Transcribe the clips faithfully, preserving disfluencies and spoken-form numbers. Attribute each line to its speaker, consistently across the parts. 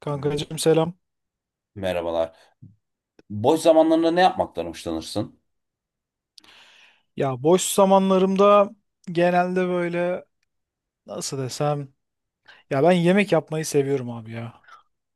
Speaker 1: Kankacığım selam.
Speaker 2: Merhabalar. Boş zamanlarında ne yapmaktan hoşlanırsın?
Speaker 1: Ya boş zamanlarımda genelde böyle nasıl desem ya ben yemek yapmayı seviyorum abi ya.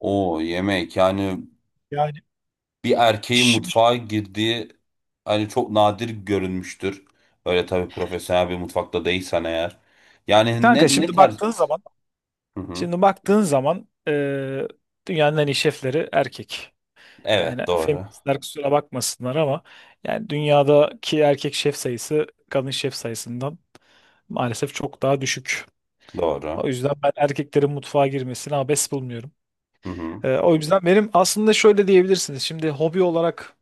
Speaker 2: O yemek yani
Speaker 1: Yani
Speaker 2: bir erkeğin
Speaker 1: şimdi
Speaker 2: mutfağa girdiği hani çok nadir görünmüştür. Öyle tabii profesyonel bir mutfakta değilsen eğer. Yani
Speaker 1: kanka
Speaker 2: ne ne
Speaker 1: şimdi
Speaker 2: tarz?
Speaker 1: baktığın zaman
Speaker 2: Hı hı.
Speaker 1: şimdi baktığın zaman eee, dünyanın en iyi şefleri erkek. Yani
Speaker 2: Evet doğru.
Speaker 1: feministler kusura bakmasınlar ama yani dünyadaki erkek şef sayısı kadın şef sayısından maalesef çok daha düşük.
Speaker 2: Doğru.
Speaker 1: O yüzden ben erkeklerin mutfağa girmesini abes bulmuyorum.
Speaker 2: Hı hı.
Speaker 1: Eee, o yüzden benim aslında şöyle diyebilirsiniz. Şimdi hobi olarak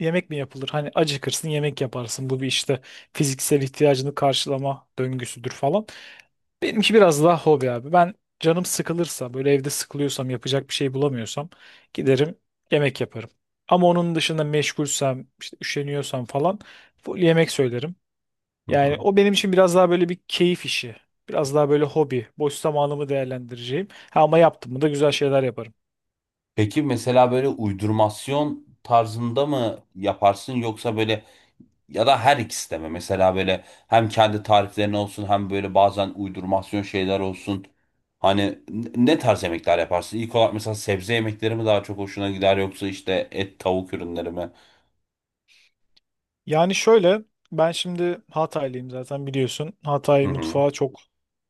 Speaker 1: yemek mi yapılır? Hani acıkırsın yemek yaparsın. Bu bir işte fiziksel ihtiyacını karşılama döngüsüdür falan. Benimki biraz daha hobi abi. Ben canım sıkılırsa böyle evde sıkılıyorsam yapacak bir şey bulamıyorsam giderim yemek yaparım. Ama onun dışında meşgulsem işte üşeniyorsam falan full yemek söylerim.
Speaker 2: Hı
Speaker 1: Yani
Speaker 2: hı.
Speaker 1: o benim için biraz daha böyle bir keyif işi. Biraz daha böyle hobi. Boş zamanımı değerlendireceğim. Ha, ama yaptım mı da güzel şeyler yaparım.
Speaker 2: Peki mesela böyle uydurmasyon tarzında mı yaparsın yoksa böyle, ya da her ikisi de mi? Mesela böyle hem kendi tariflerin olsun hem böyle bazen uydurmasyon şeyler olsun. Hani n- ne tarz yemekler yaparsın? İlk olarak mesela sebze yemekleri mi daha çok hoşuna gider yoksa işte et tavuk ürünleri mi?
Speaker 1: Yani şöyle ben şimdi Hataylıyım zaten biliyorsun.
Speaker 2: Hı
Speaker 1: Hatay
Speaker 2: hı.
Speaker 1: mutfağı çok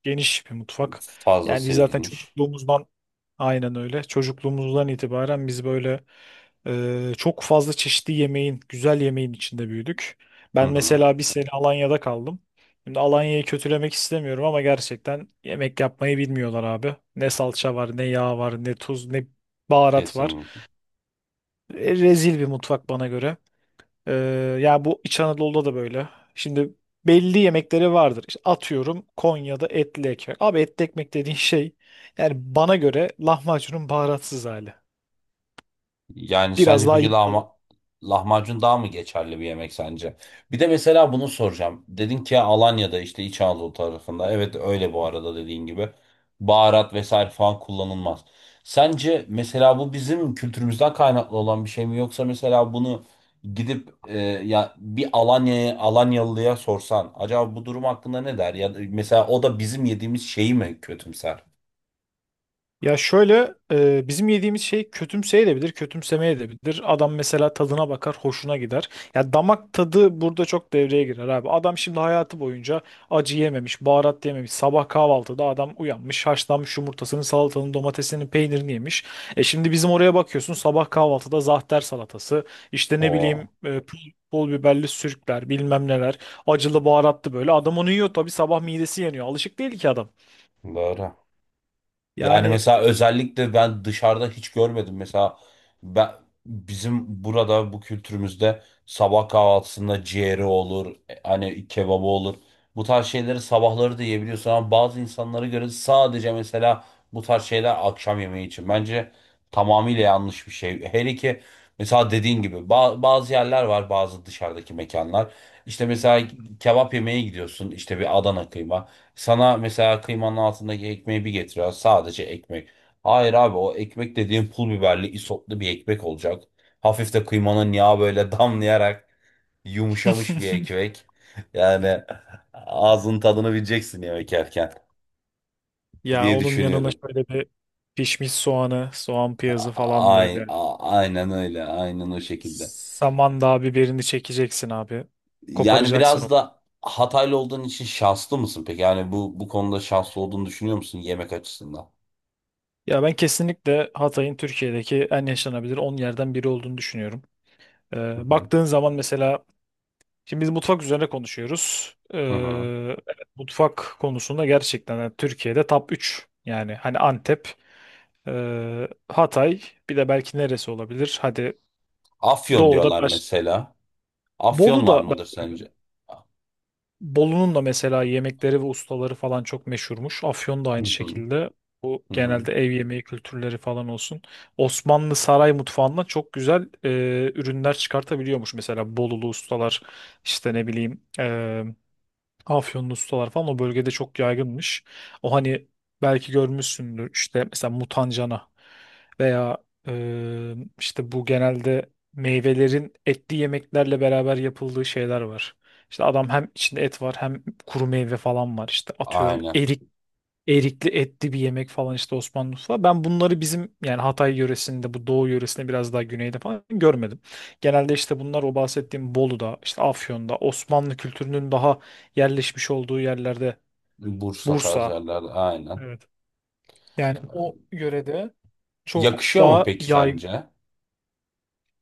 Speaker 1: geniş bir mutfak. Yani biz
Speaker 2: Fazlasıyla
Speaker 1: zaten
Speaker 2: geniş.
Speaker 1: çocukluğumuzdan aynen öyle. Çocukluğumuzdan itibaren biz böyle e, çok fazla çeşitli yemeğin, güzel yemeğin içinde büyüdük.
Speaker 2: Hı
Speaker 1: Ben
Speaker 2: hı.
Speaker 1: mesela bir sene Alanya'da kaldım. Şimdi Alanya'yı kötülemek istemiyorum ama gerçekten yemek yapmayı bilmiyorlar abi. Ne salça var, ne yağ var, ne tuz, ne baharat var.
Speaker 2: Kesinlikle.
Speaker 1: E, rezil bir mutfak bana göre. Ee, yani bu İç Anadolu'da da böyle. Şimdi belli yemekleri vardır. İşte atıyorum Konya'da etli ekmek. Abi etli ekmek dediğin şey yani bana göre lahmacunun baharatsız hali.
Speaker 2: Yani
Speaker 1: Biraz
Speaker 2: sence
Speaker 1: daha
Speaker 2: peki
Speaker 1: yağlı.
Speaker 2: lahma, lahmacun daha mı geçerli bir yemek sence? Bir de mesela bunu soracağım. Dedin ki Alanya'da işte İç Anadolu tarafında. Evet öyle bu arada dediğin gibi. Baharat vesaire falan kullanılmaz. Sence mesela bu bizim kültürümüzden kaynaklı olan bir şey mi yoksa mesela bunu gidip e, ya bir Alanya'ya Alanyalıya sorsan acaba bu durum hakkında ne der? Ya da mesela o da bizim yediğimiz şeyi mi kötümser?
Speaker 1: Ya şöyle e, bizim yediğimiz şey kötümseyebilir, kötümsemeyebilir. Adam mesela tadına bakar, hoşuna gider. Ya damak tadı burada çok devreye girer abi. Adam şimdi hayatı boyunca acı yememiş, baharat yememiş. Sabah kahvaltıda adam uyanmış, haşlanmış yumurtasını, salatanın, domatesinin, peynirini yemiş. E şimdi bizim oraya bakıyorsun sabah kahvaltıda zahter salatası, işte ne bileyim
Speaker 2: Oo,
Speaker 1: e, pul, pul biberli sürükler, bilmem neler, acılı baharatlı böyle. Adam onu yiyor tabii sabah midesi yanıyor. Alışık değil ki adam.
Speaker 2: doğru. Yani
Speaker 1: Yani
Speaker 2: mesela özellikle ben dışarıda hiç görmedim. Mesela ben, bizim burada bu kültürümüzde sabah kahvaltısında ciğeri olur, e, hani kebabı olur. Bu tarz şeyleri sabahları da yiyebiliyorsun ama bazı insanlara göre sadece mesela bu tarz şeyler akşam yemeği için. Bence tamamıyla yanlış bir şey. Hele ki mesela dediğin gibi ba- bazı yerler var, bazı dışarıdaki mekanlar. İşte mesela kebap yemeye gidiyorsun, işte bir Adana kıyma. Sana mesela kıymanın altındaki ekmeği bir getiriyor. Sadece ekmek. Hayır abi, o ekmek dediğin pul biberli isotlu bir ekmek olacak. Hafif de kıymanın yağı böyle damlayarak yumuşamış bir ekmek. Yani ağzın tadını bileceksin yemek yerken
Speaker 1: ya
Speaker 2: diye
Speaker 1: onun yanına
Speaker 2: düşünüyorum.
Speaker 1: şöyle bir pişmiş soğanı, soğan piyazı falan
Speaker 2: Ay,
Speaker 1: böyle.
Speaker 2: a- aynen öyle. Aynen o şekilde.
Speaker 1: Samandağ biberini çekeceksin abi.
Speaker 2: Yani
Speaker 1: Koparacaksın
Speaker 2: biraz
Speaker 1: o.
Speaker 2: da Hataylı olduğun için şanslı mısın peki? Yani bu bu konuda şanslı olduğunu düşünüyor musun yemek açısından?
Speaker 1: Ya ben kesinlikle Hatay'ın Türkiye'deki en yaşanabilir on yerden biri olduğunu düşünüyorum.
Speaker 2: Hı
Speaker 1: Ee,
Speaker 2: hı.
Speaker 1: baktığın zaman mesela şimdi biz mutfak üzerine konuşuyoruz. Ee,
Speaker 2: Hı hı.
Speaker 1: evet, mutfak konusunda gerçekten yani Türkiye'de top üç. Yani hani Antep, e, Hatay, bir de belki neresi olabilir? Hadi
Speaker 2: Afyon
Speaker 1: Doğu'da
Speaker 2: diyorlar
Speaker 1: baş...
Speaker 2: mesela. Afyon
Speaker 1: Bolu
Speaker 2: var
Speaker 1: da ben
Speaker 2: mıdır
Speaker 1: duydum.
Speaker 2: sence?
Speaker 1: Bolu'nun da mesela yemekleri ve ustaları falan çok meşhurmuş. Afyon da
Speaker 2: Hı
Speaker 1: aynı
Speaker 2: hı,
Speaker 1: şekilde. Bu
Speaker 2: hı hı.
Speaker 1: genelde ev yemeği kültürleri falan olsun. Osmanlı saray mutfağından çok güzel e, ürünler çıkartabiliyormuş. Mesela Bolulu ustalar işte ne bileyim e, Afyonlu ustalar falan o bölgede çok yaygınmış. O hani belki görmüşsündür işte mesela mutancana veya e, işte bu genelde meyvelerin etli yemeklerle beraber yapıldığı şeyler var. İşte adam hem içinde et var hem kuru meyve falan var. İşte atıyorum
Speaker 2: Aynen.
Speaker 1: erik erikli etli bir yemek falan işte Osmanlı mutfağı. Ben bunları bizim yani Hatay yöresinde, bu Doğu yöresinde, biraz daha güneyde falan görmedim. Genelde işte bunlar o bahsettiğim Bolu'da, işte Afyon'da, Osmanlı kültürünün daha yerleşmiş olduğu yerlerde.
Speaker 2: Bursa tarzı
Speaker 1: Bursa.
Speaker 2: yerlerde aynen.
Speaker 1: Evet. Yani o yörede çok
Speaker 2: Yakışıyor mu
Speaker 1: daha
Speaker 2: peki
Speaker 1: yay
Speaker 2: sence?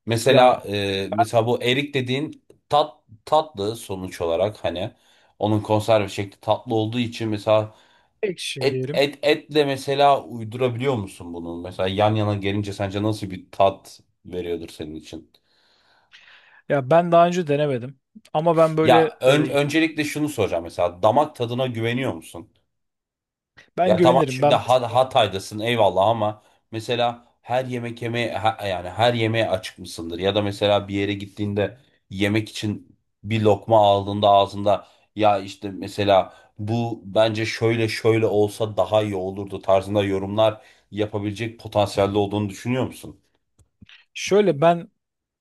Speaker 2: Mesela
Speaker 1: ya
Speaker 2: e, mesela bu erik dediğin tat tatlı sonuç olarak, hani onun konserve şekli tatlı olduğu için, mesela
Speaker 1: tek şey
Speaker 2: et
Speaker 1: diyelim.
Speaker 2: et etle mesela uydurabiliyor musun bunu? Mesela yan yana gelince sence nasıl bir tat veriyordur senin için?
Speaker 1: Ya ben daha önce denemedim ama ben böyle
Speaker 2: Ya ön-
Speaker 1: e,
Speaker 2: öncelikle şunu soracağım: mesela damak tadına güveniyor musun?
Speaker 1: ben
Speaker 2: Ya tamam,
Speaker 1: güvenirim.
Speaker 2: şimdi
Speaker 1: Ben
Speaker 2: Ha-
Speaker 1: mesela
Speaker 2: Hatay'dasın eyvallah ama mesela her yemek yemeye ha- yani her yemeğe açık mısındır? Ya da mesela bir yere gittiğinde yemek için bir lokma aldığında ağzında, ya işte mesela bu bence şöyle şöyle olsa daha iyi olurdu tarzında yorumlar yapabilecek potansiyelde olduğunu düşünüyor musun?
Speaker 1: şöyle ben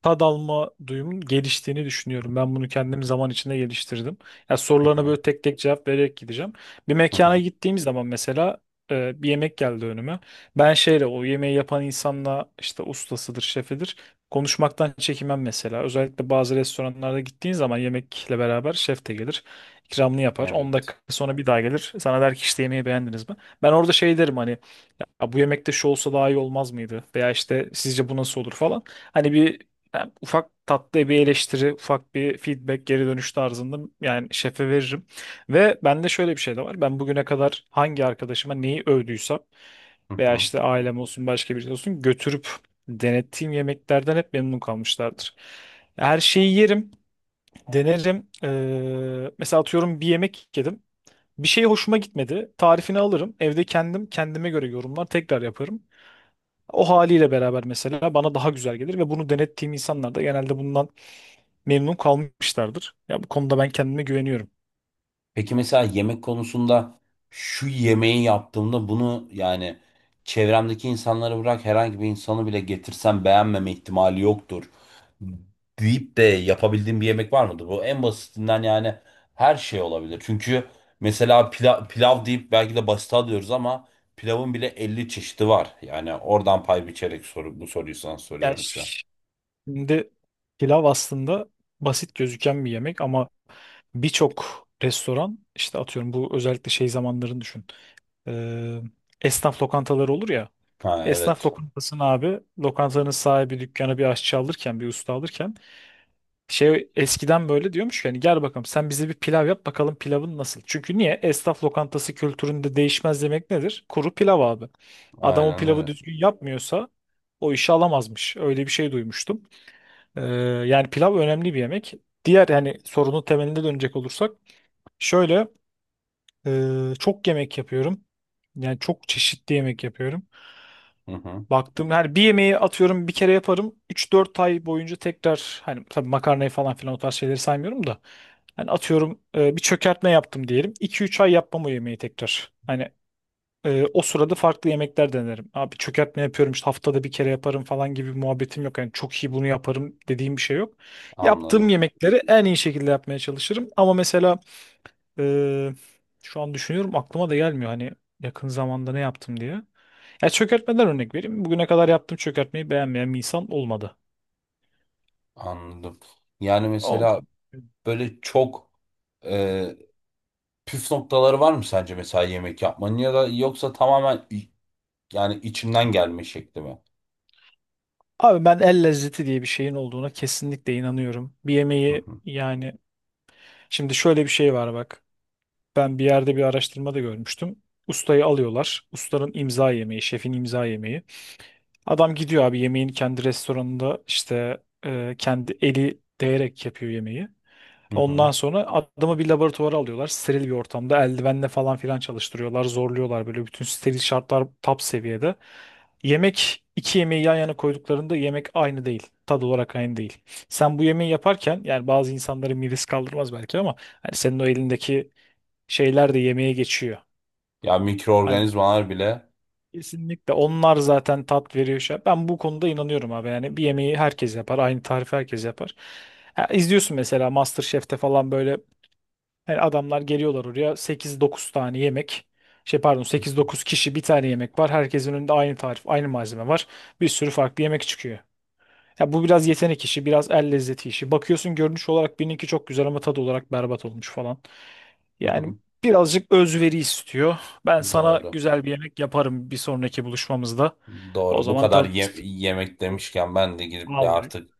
Speaker 1: tad alma duyumun geliştiğini düşünüyorum. Ben bunu kendim zaman içinde geliştirdim. Ya
Speaker 2: Hı
Speaker 1: sorularına
Speaker 2: hı,
Speaker 1: böyle tek tek cevap vererek gideceğim. Bir
Speaker 2: hı
Speaker 1: mekana
Speaker 2: hı,
Speaker 1: gittiğim zaman mesela e, bir yemek geldi önüme. Ben şeyle o yemeği yapan insanla, işte ustasıdır, şefidir, konuşmaktan çekinmem mesela. Özellikle bazı restoranlarda gittiğin zaman yemekle beraber şef de gelir. İkramını yapar. On
Speaker 2: evet.
Speaker 1: dakika sonra bir daha gelir. Sana der ki işte yemeği beğendiniz mi? Ben orada şey derim hani ya bu yemekte şu olsa daha iyi olmaz mıydı? Veya işte sizce bu nasıl olur falan. Hani bir ben ufak tatlı bir eleştiri, ufak bir feedback, geri dönüş tarzında yani şefe veririm. Ve bende şöyle bir şey de var. Ben bugüne kadar hangi arkadaşıma neyi övdüysem
Speaker 2: Hı
Speaker 1: veya
Speaker 2: hı.
Speaker 1: işte ailem olsun başka birisi olsun götürüp denettiğim yemeklerden hep memnun kalmışlardır. Her şeyi yerim, denerim. Ee, mesela atıyorum bir yemek yedim. Bir şey hoşuma gitmedi. Tarifini alırım. Evde kendim kendime göre yorumlar tekrar yaparım. O haliyle beraber mesela bana daha güzel gelir ve bunu denettiğim insanlar da genelde bundan memnun kalmışlardır. Ya bu konuda ben kendime güveniyorum.
Speaker 2: Peki mesela yemek konusunda şu yemeği yaptığımda bunu, yani çevremdeki insanları bırak, herhangi bir insanı bile getirsem beğenmeme ihtimali yoktur deyip de yapabildiğim bir yemek var mıdır? Bu en basitinden, yani her şey olabilir. Çünkü mesela pilav, pilav deyip belki de basit alıyoruz ama pilavın bile elli çeşidi var. Yani oradan pay biçerek soru, bu soruyu sana
Speaker 1: Yani
Speaker 2: soruyorum şu an.
Speaker 1: şimdi pilav aslında basit gözüken bir yemek ama birçok restoran işte atıyorum bu özellikle şey zamanlarını düşün. Ee, esnaf lokantaları olur ya.
Speaker 2: Ha
Speaker 1: Esnaf
Speaker 2: evet.
Speaker 1: lokantasını, abi lokantanın sahibi dükkanı bir aşçı alırken, bir usta alırken, şey eskiden böyle diyormuş ki hani gel bakalım sen bize bir pilav yap bakalım pilavın nasıl. Çünkü niye? Esnaf lokantası kültüründe değişmez demek nedir? Kuru pilav abi. Adam o
Speaker 2: Aynen
Speaker 1: pilavı
Speaker 2: öyle.
Speaker 1: düzgün yapmıyorsa o işi alamazmış. Öyle bir şey duymuştum. Ee, yani pilav önemli bir yemek. Diğer yani sorunun temeline dönecek olursak şöyle e, çok yemek yapıyorum. Yani çok çeşitli yemek yapıyorum.
Speaker 2: Hı hı.
Speaker 1: Baktım yani bir yemeği atıyorum bir kere yaparım. Üç dört ay boyunca tekrar, hani tabii makarnayı falan filan o tarz şeyleri saymıyorum da. Hani atıyorum e, bir çökertme yaptım diyelim. iki üç ay yapmam o yemeği tekrar. Hani e, o sırada farklı yemekler denerim. Abi çökertme yapıyorum işte haftada bir kere yaparım falan gibi bir muhabbetim yok. Yani çok iyi bunu yaparım dediğim bir şey yok. Yaptığım
Speaker 2: Anladım.
Speaker 1: yemekleri en iyi şekilde yapmaya çalışırım. Ama mesela e, şu an düşünüyorum aklıma da gelmiyor hani yakın zamanda ne yaptım diye. Ya çökertmeden örnek vereyim. Bugüne kadar yaptığım çökertmeyi beğenmeyen bir insan olmadı.
Speaker 2: Anladım. Yani
Speaker 1: O
Speaker 2: mesela
Speaker 1: konu.
Speaker 2: böyle çok e, püf noktaları var mı sence mesela yemek yapmanın, ya da yoksa tamamen i- yani içinden gelme şekli mi?
Speaker 1: Abi ben el lezzeti diye bir şeyin olduğuna kesinlikle inanıyorum. Bir
Speaker 2: Hı
Speaker 1: yemeği
Speaker 2: hı.
Speaker 1: yani şimdi şöyle bir şey var bak. Ben bir yerde bir araştırmada görmüştüm. Ustayı alıyorlar. Ustanın imza yemeği, şefin imza yemeği. Adam gidiyor abi yemeğin kendi restoranında işte e, kendi eli değerek yapıyor yemeği.
Speaker 2: Hı hı.
Speaker 1: Ondan sonra adamı bir laboratuvara alıyorlar. Steril bir ortamda eldivenle falan filan çalıştırıyorlar. Zorluyorlar böyle bütün steril şartlar top seviyede. Yemek iki yemeği yan yana koyduklarında yemek aynı değil. Tad olarak aynı değil. Sen bu yemeği yaparken, yani bazı insanların midesi kaldırmaz belki ama hani senin o elindeki şeyler de yemeğe geçiyor.
Speaker 2: Ya
Speaker 1: Hani
Speaker 2: mikroorganizmalar bile.
Speaker 1: kesinlikle onlar zaten tat veriyor. şey- Ben bu konuda inanıyorum abi, yani bir yemeği herkes yapar. Aynı tarifi herkes yapar. Ya izliyorsun mesela MasterChef'te falan, böyle yani adamlar geliyorlar oraya sekiz dokuz tane yemek. Şey pardon,
Speaker 2: Hı
Speaker 1: sekiz
Speaker 2: hı.
Speaker 1: dokuz kişi bir tane yemek var. Herkesin önünde aynı tarif, aynı malzeme var. Bir sürü farklı yemek çıkıyor. Ya bu biraz yetenek işi, biraz el lezzeti işi. Bakıyorsun görünüş olarak birininki çok güzel ama tadı olarak berbat olmuş falan.
Speaker 2: Hı
Speaker 1: Yani
Speaker 2: hı.
Speaker 1: birazcık özveri istiyor. Ben sana
Speaker 2: Doğru.
Speaker 1: güzel bir yemek yaparım bir sonraki buluşmamızda. O
Speaker 2: Doğru. Bu
Speaker 1: zaman
Speaker 2: kadar ye-
Speaker 1: tadırız.
Speaker 2: yemek demişken ben de gidip bir
Speaker 1: Vallahi.
Speaker 2: artık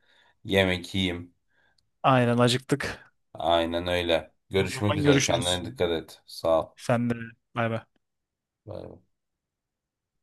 Speaker 2: yemek yiyeyim.
Speaker 1: Aynen acıktık.
Speaker 2: Aynen öyle.
Speaker 1: O
Speaker 2: Görüşmek
Speaker 1: zaman
Speaker 2: üzere.
Speaker 1: görüşürüz.
Speaker 2: Kendine dikkat et. Sağ ol.
Speaker 1: Sen de bay bay.
Speaker 2: Bay bay.